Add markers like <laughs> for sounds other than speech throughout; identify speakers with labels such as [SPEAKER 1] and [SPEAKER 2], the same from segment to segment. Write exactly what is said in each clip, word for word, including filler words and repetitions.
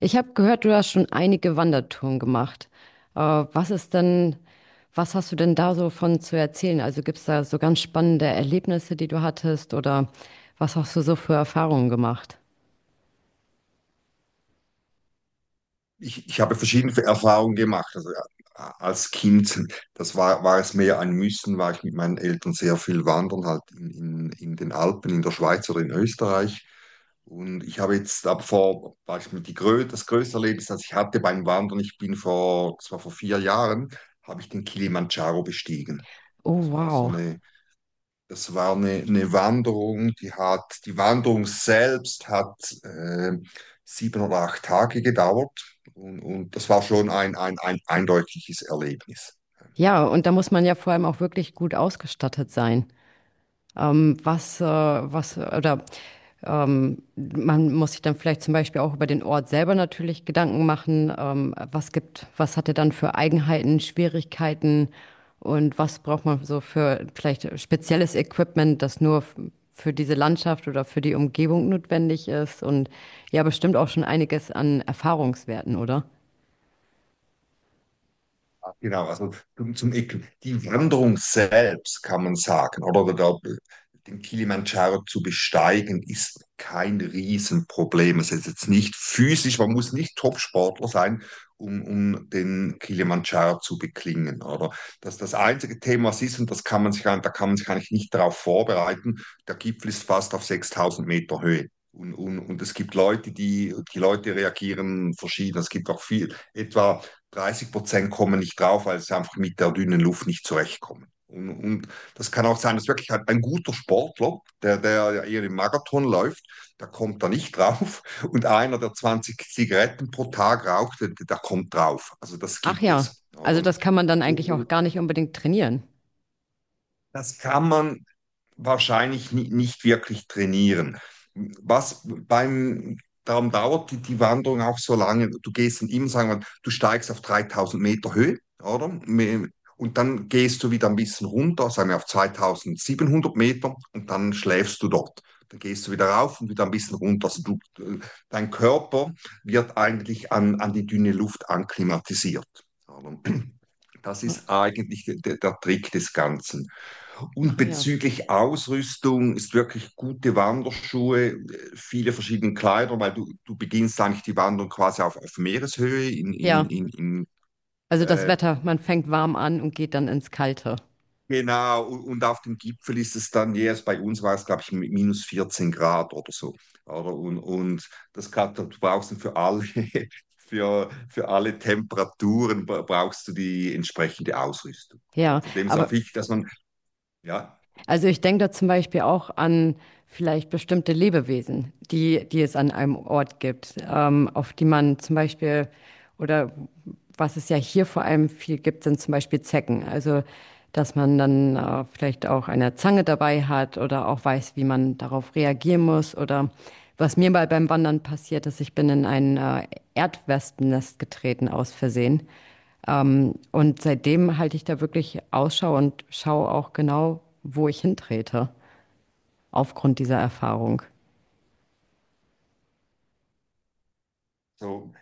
[SPEAKER 1] Ich habe gehört, du hast schon einige Wandertouren gemacht. Äh, was ist denn, Was hast du denn da so von zu erzählen? Also gibt es da so ganz spannende Erlebnisse, die du hattest, oder was hast du so für Erfahrungen gemacht?
[SPEAKER 2] Ich, ich habe verschiedene Erfahrungen gemacht. Also äh, als Kind, das war, war es mehr ein Müssen, war ich mit meinen Eltern sehr viel wandern, halt in, in, in den Alpen, in der Schweiz oder in Österreich. Und ich habe jetzt ab vor, war ich mit die Grö das größte Erlebnis, das ich hatte beim Wandern, ich bin vor, das war vor vier Jahren, habe ich den Kilimandscharo bestiegen.
[SPEAKER 1] Oh,
[SPEAKER 2] Das war so
[SPEAKER 1] wow.
[SPEAKER 2] eine Das war eine, eine Wanderung, die hat, die Wanderung selbst hat äh, sieben oder acht Tage gedauert, und, und das war schon ein, ein, ein eindeutiges Erlebnis.
[SPEAKER 1] Ja, und da muss man ja vor allem auch wirklich gut ausgestattet sein. Ähm, was, äh, was, oder ähm, Man muss sich dann vielleicht zum Beispiel auch über den Ort selber natürlich Gedanken machen. Ähm, was gibt, was hat er dann für Eigenheiten, Schwierigkeiten und was braucht man so für vielleicht spezielles Equipment, das nur f- für diese Landschaft oder für die Umgebung notwendig ist, und ja, bestimmt auch schon einiges an Erfahrungswerten, oder?
[SPEAKER 2] Ah, genau. Also zum, zum Äqu- die Wanderung selbst, kann man sagen, oder der, den Kilimanjaro zu besteigen, ist kein Riesenproblem. Es ist jetzt nicht physisch, man muss nicht Topsportler sein, um, um den Kilimanjaro zu beklingen, oder? Das ist das einzige Thema, was ist, und das kann man sich, ein- da kann man sich eigentlich nicht darauf vorbereiten. Der Gipfel ist fast auf sechstausend Meter Höhe. Und, und, und es gibt Leute, die, die Leute reagieren verschieden. Es gibt auch viel, etwa dreißig Prozent kommen nicht drauf, weil sie einfach mit der dünnen Luft nicht zurechtkommen. Und, und das kann auch sein, dass wirklich halt ein guter Sportler, der, der ja eher im Marathon läuft, der kommt da nicht drauf. Und einer, der zwanzig Zigaretten pro Tag raucht, der, der kommt drauf. Also das
[SPEAKER 1] Ach
[SPEAKER 2] gibt
[SPEAKER 1] ja,
[SPEAKER 2] es,
[SPEAKER 1] also
[SPEAKER 2] oder?
[SPEAKER 1] das kann man dann eigentlich auch
[SPEAKER 2] Und
[SPEAKER 1] gar nicht unbedingt trainieren.
[SPEAKER 2] das kann man wahrscheinlich nicht wirklich trainieren. Was beim, Darum dauert die, die Wanderung auch so lange. Du gehst dann immer, sagen wir, du steigst auf dreitausend Meter Höhe, oder? Und dann gehst du wieder ein bisschen runter, sagen wir auf zweitausendsiebenhundert Meter, und dann schläfst du dort. Dann gehst du wieder rauf und wieder ein bisschen runter. Also du, dein Körper wird eigentlich an, an die dünne Luft anklimatisiert. Das
[SPEAKER 1] Ah
[SPEAKER 2] ist eigentlich der, der Trick des Ganzen. Und
[SPEAKER 1] ah ja.
[SPEAKER 2] bezüglich Ausrüstung ist wirklich gute Wanderschuhe, äh, viele verschiedene Kleider, weil du, du beginnst eigentlich die Wanderung quasi auf, auf Meereshöhe in, in,
[SPEAKER 1] Ja.
[SPEAKER 2] in, in
[SPEAKER 1] Also das
[SPEAKER 2] äh,
[SPEAKER 1] Wetter, man fängt warm an und geht dann ins Kalte.
[SPEAKER 2] genau, und, und auf dem Gipfel ist es dann jeweils, bei uns war es, glaube ich, mi- minus vierzehn Grad oder so. Oder? Und, und das kann, du brauchst dann für alle, <laughs> für, für alle Temperaturen bra- brauchst du die entsprechende Ausrüstung. Oder?
[SPEAKER 1] Ja,
[SPEAKER 2] Und von dem ist auch
[SPEAKER 1] aber
[SPEAKER 2] wichtig, dass man, ja,
[SPEAKER 1] also ich denke da zum Beispiel auch an vielleicht bestimmte Lebewesen, die, die es an einem Ort gibt, ähm, auf die man zum Beispiel, oder was es ja hier vor allem viel gibt, sind zum Beispiel Zecken. Also dass man dann äh, vielleicht auch eine Zange dabei hat oder auch weiß, wie man darauf reagieren muss, oder was mir mal beim Wandern passiert ist: Ich bin in ein äh, Erdwespennest getreten aus Versehen. Ähm, und seitdem halte ich da wirklich Ausschau und schaue auch genau, wo ich hintrete, aufgrund dieser Erfahrung.
[SPEAKER 2] so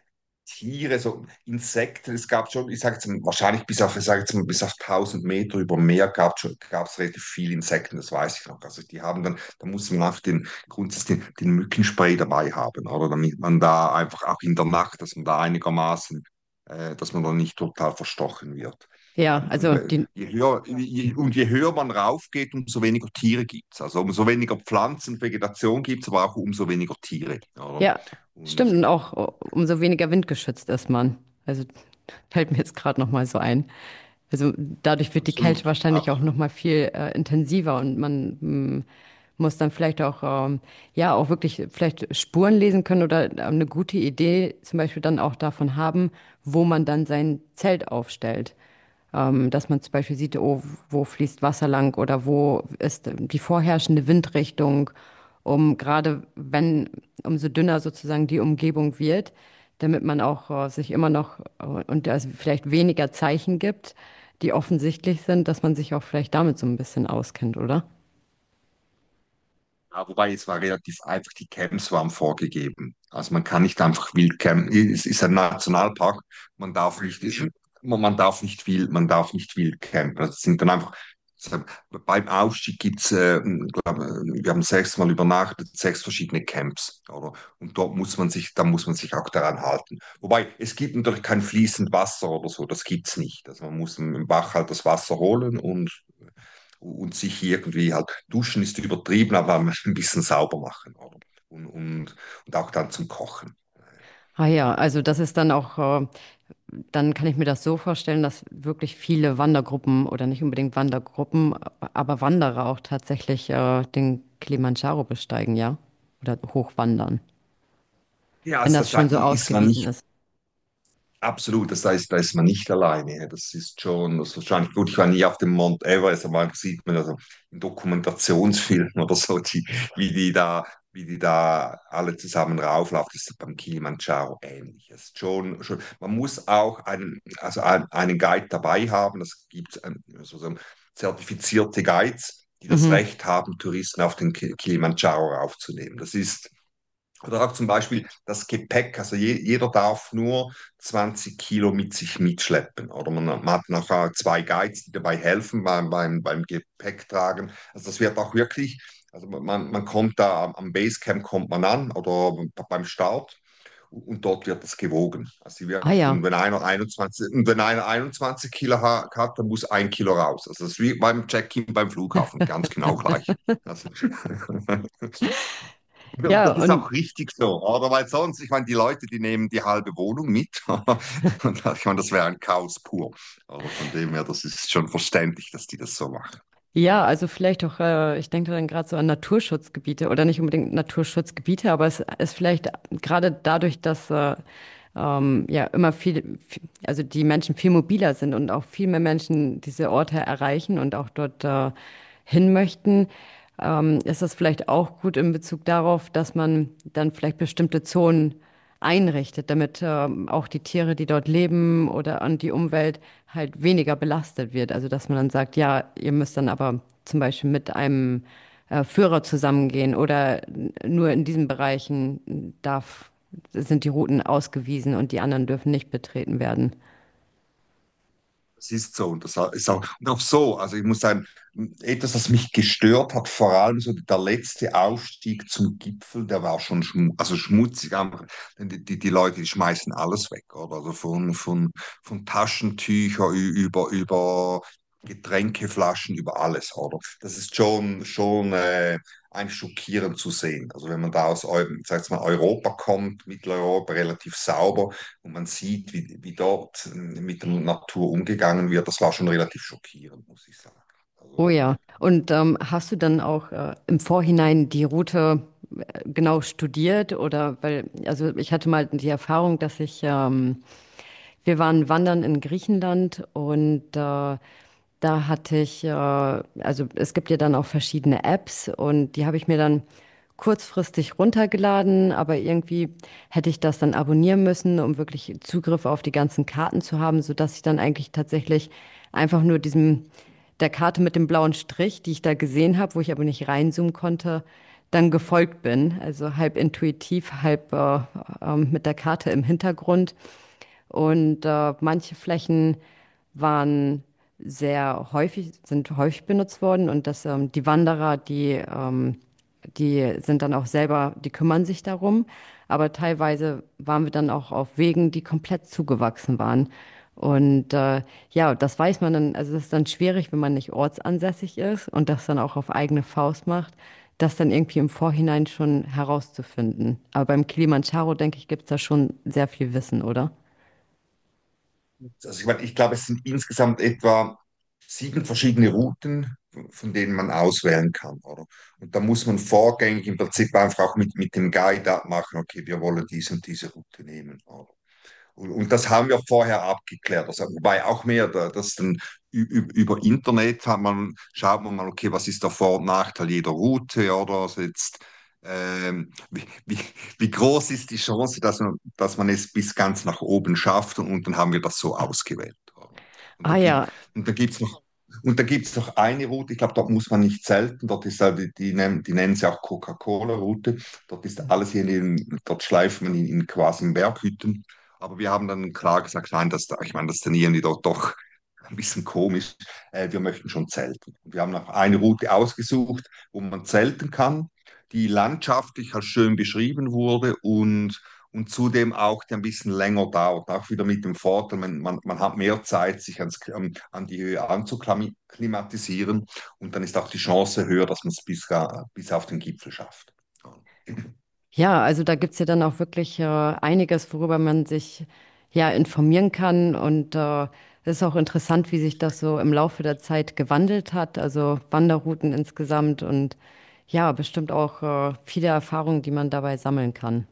[SPEAKER 2] Tiere, so Insekten. Es gab schon, ich sage jetzt mal, wahrscheinlich bis auf, ich sag jetzt mal, bis auf tausend Meter über dem Meer gab schon, gab es gab's relativ viele Insekten, das weiß ich noch. Also die haben dann, da muss man einfach den grundsätzlich den, den Mückenspray dabei haben, oder, damit man da einfach auch in der Nacht, dass man da einigermaßen, äh, dass man da nicht total verstochen wird.
[SPEAKER 1] Ja,
[SPEAKER 2] Und, und
[SPEAKER 1] also
[SPEAKER 2] we-
[SPEAKER 1] die,
[SPEAKER 2] je höher, je, und je höher man raufgeht, umso weniger Tiere gibt es. Also umso weniger Pflanzen, Vegetation gibt es, aber auch umso weniger Tiere, oder?
[SPEAKER 1] ja, stimmt.
[SPEAKER 2] Und
[SPEAKER 1] Und auch uh, umso weniger windgeschützt ist man. Also <laughs> fällt mir jetzt gerade nochmal so ein. Also dadurch wird die Kälte
[SPEAKER 2] absolut,
[SPEAKER 1] wahrscheinlich auch
[SPEAKER 2] absolut.
[SPEAKER 1] nochmal viel äh, intensiver, und man mm, muss dann vielleicht auch, ähm, ja, auch wirklich vielleicht Spuren lesen können oder äh, eine gute Idee zum Beispiel dann auch davon haben, wo man dann sein Zelt aufstellt. Ähm, dass man zum Beispiel sieht: oh, wo fließt Wasser lang oder wo ist die vorherrschende Windrichtung, um gerade wenn, umso dünner sozusagen die Umgebung wird, damit man auch äh, sich immer noch äh, und es vielleicht weniger Zeichen gibt, die offensichtlich sind, dass man sich auch vielleicht damit so ein bisschen auskennt, oder?
[SPEAKER 2] Ja, wobei es war relativ einfach, die Camps waren vorgegeben. Also man kann nicht einfach wild campen. Es ist ein Nationalpark, man darf nicht, man man darf nicht wild, man darf nicht wild campen. Das sind dann einfach, beim Aufstieg gibt's, äh, glaub, wir haben sechsmal übernachtet, sechs verschiedene Camps, oder? Und dort muss man sich, da muss man sich auch daran halten. Wobei, es gibt natürlich kein fließend Wasser oder so, das gibt's nicht. Also man muss im Bach halt das Wasser holen, und und sich irgendwie halt, duschen ist übertrieben, aber <laughs> ein bisschen sauber machen, oder? Und, und, und auch dann zum Kochen.
[SPEAKER 1] Ah ja, also das ist dann auch äh, dann kann ich mir das so vorstellen, dass wirklich viele Wandergruppen oder nicht unbedingt Wandergruppen, aber Wanderer auch tatsächlich äh, den Kilimandscharo besteigen, ja? Oder hochwandern,
[SPEAKER 2] Ja,
[SPEAKER 1] wenn
[SPEAKER 2] also
[SPEAKER 1] das
[SPEAKER 2] das, da
[SPEAKER 1] schon so
[SPEAKER 2] ist man
[SPEAKER 1] ausgewiesen
[SPEAKER 2] nicht,
[SPEAKER 1] ist.
[SPEAKER 2] absolut, das heißt, da ist man nicht alleine. Ja. Das ist schon, das ist wahrscheinlich gut. Ich war nie auf dem Mount Everest, aber man sieht man, also in Dokumentationsfilmen <laughs> oder so, die, wie die da, wie die da alle zusammen rauflaufen. Das ist beim Kilimanjaro ähnlich. Das ist schon, schon, man muss auch einen, also ein- einen Guide dabei haben. Es gibt ähm, sozusagen zertifizierte Guides, die das
[SPEAKER 1] Mhm.
[SPEAKER 2] Recht haben, Touristen auf den Ki- Kilimanjaro raufzunehmen. Das ist, oder auch zum Beispiel das Gepäck. Also je, jeder darf nur zwanzig Kilo mit sich mitschleppen. Oder man, man hat nachher zwei Guides, die dabei helfen beim, beim, beim Gepäcktragen. Also das wird auch wirklich, also man, man kommt da, am Basecamp kommt man an, oder beim Start, und dort wird das gewogen. Also
[SPEAKER 1] Ah
[SPEAKER 2] wirklich,
[SPEAKER 1] ja.
[SPEAKER 2] und wenn einer einundzwanzig, und wenn einer einundzwanzig Kilo hat, dann muss ein Kilo raus. Also das ist wie beim Check-in beim Flughafen, ganz genau gleich. Also
[SPEAKER 1] Ja,
[SPEAKER 2] das ist
[SPEAKER 1] und
[SPEAKER 2] auch richtig so, oder? Weil sonst, ich meine, die Leute, die nehmen die halbe Wohnung mit. <laughs> Und ich meine, das wäre ein Chaos pur. Oder von dem her, das ist schon verständlich, dass die das so machen.
[SPEAKER 1] ja, also vielleicht auch, äh, ich denke dann gerade so an Naturschutzgebiete oder nicht unbedingt Naturschutzgebiete, aber es ist vielleicht gerade dadurch, dass äh, ähm, ja immer viel, viel, also die Menschen viel mobiler sind und auch viel mehr Menschen diese Orte erreichen und auch dort äh, hin möchten, ähm, ist das vielleicht auch gut in Bezug darauf, dass man dann vielleicht bestimmte Zonen einrichtet, damit ähm, auch die Tiere, die dort leben, oder an die Umwelt halt weniger belastet wird. Also dass man dann sagt: Ja, ihr müsst dann aber zum Beispiel mit einem äh, Führer zusammengehen oder nur in diesen Bereichen darf sind die Routen ausgewiesen und die anderen dürfen nicht betreten werden.
[SPEAKER 2] Es ist so, und das ist auch, und auch so. Also ich muss sagen, etwas, was mich gestört hat, vor allem so der letzte Aufstieg zum Gipfel, der war schon schmu also schmutzig, einfach. Denn die, die, die Leute, die schmeißen alles weg, oder? Also von, von, von Taschentücher über, über Getränkeflaschen, über alles, oder? Das ist schon, schon äh, ein schockierend zu sehen. Also wenn man da aus Eu- sag ich mal, Europa kommt, Mitteleuropa relativ sauber, und man sieht, wie, wie dort äh, mit der Natur umgegangen wird. Das war schon relativ schockierend, muss ich sagen.
[SPEAKER 1] Oh
[SPEAKER 2] Also,
[SPEAKER 1] ja. Und ähm, hast du dann auch äh, im Vorhinein die Route äh, genau studiert? Oder weil, also ich hatte mal die Erfahrung, dass ich ähm, wir waren wandern in Griechenland, und äh, da hatte ich, äh, also es gibt ja dann auch verschiedene Apps, und die habe ich mir dann kurzfristig runtergeladen, aber irgendwie hätte ich das dann abonnieren müssen, um wirklich Zugriff auf die ganzen Karten zu haben, sodass ich dann eigentlich tatsächlich einfach nur diesem, der Karte mit dem blauen Strich, die ich da gesehen habe, wo ich aber nicht reinzoomen konnte, dann gefolgt bin. Also halb intuitiv, halb äh, ähm, mit der Karte im Hintergrund. Und äh, manche Flächen waren sehr häufig, sind häufig benutzt worden, und dass ähm, die Wanderer, die, ähm, die sind dann auch selber, die kümmern sich darum. Aber teilweise waren wir dann auch auf Wegen, die komplett zugewachsen waren. Und äh, ja, das weiß man dann, also das ist dann schwierig, wenn man nicht ortsansässig ist und das dann auch auf eigene Faust macht, das dann irgendwie im Vorhinein schon herauszufinden. Aber beim Kilimanjaro, denke ich, gibt es da schon sehr viel Wissen, oder?
[SPEAKER 2] also ich meine, ich glaube, es sind insgesamt etwa sieben verschiedene Routen, von denen man auswählen kann, oder? Und da muss man vorgängig im Prinzip einfach auch mit, mit dem Guide abmachen, okay, wir wollen diese und diese Route nehmen, oder? Und, und das haben wir vorher abgeklärt. Also, wobei auch mehr, da- das dann ü- ü- über Internet hat man, schaut man mal, okay, was ist der Vor- und Nachteil jeder Route, ja, oder, also jetzt, ähm, wie, wie, wie groß ist die Chance, dass man, dass man es bis ganz nach oben schafft, und, und dann haben wir das so ausgewählt, oder? Und
[SPEAKER 1] Ah
[SPEAKER 2] dann gibt,
[SPEAKER 1] ja,
[SPEAKER 2] und dann gibt's noch Und da gibt es noch eine Route, ich glaube, dort muss man nicht selten, dort ist halt, die, die, nennen, die nennen sie auch Coca-Cola-Route, dort ist alles hier in, den- dort schleift man in, in quasi in Berghütten. Aber wir haben dann klar gesagt, nein, das, ich meine, das trainieren die doch, doch ein bisschen komisch. Äh, wir möchten schon zelten. Und wir haben noch eine Route ausgesucht, wo man zelten kann, die landschaftlich als schön beschrieben wurde, und, und zudem auch, die ein bisschen länger dauert. Auch wieder mit dem Vorteil, man, man, man hat mehr Zeit, sich ans, ähm, an die Höhe anzuklimatisieren, und dann ist auch die Chance höher, dass man es bis, äh, bis auf den Gipfel schafft. Ja.
[SPEAKER 1] ja, also da gibt's ja dann auch wirklich äh, einiges, worüber man sich ja informieren kann. Und äh, es ist auch interessant, wie sich das so im Laufe der Zeit gewandelt hat. Also Wanderrouten insgesamt und ja, bestimmt auch äh, viele Erfahrungen, die man dabei sammeln kann.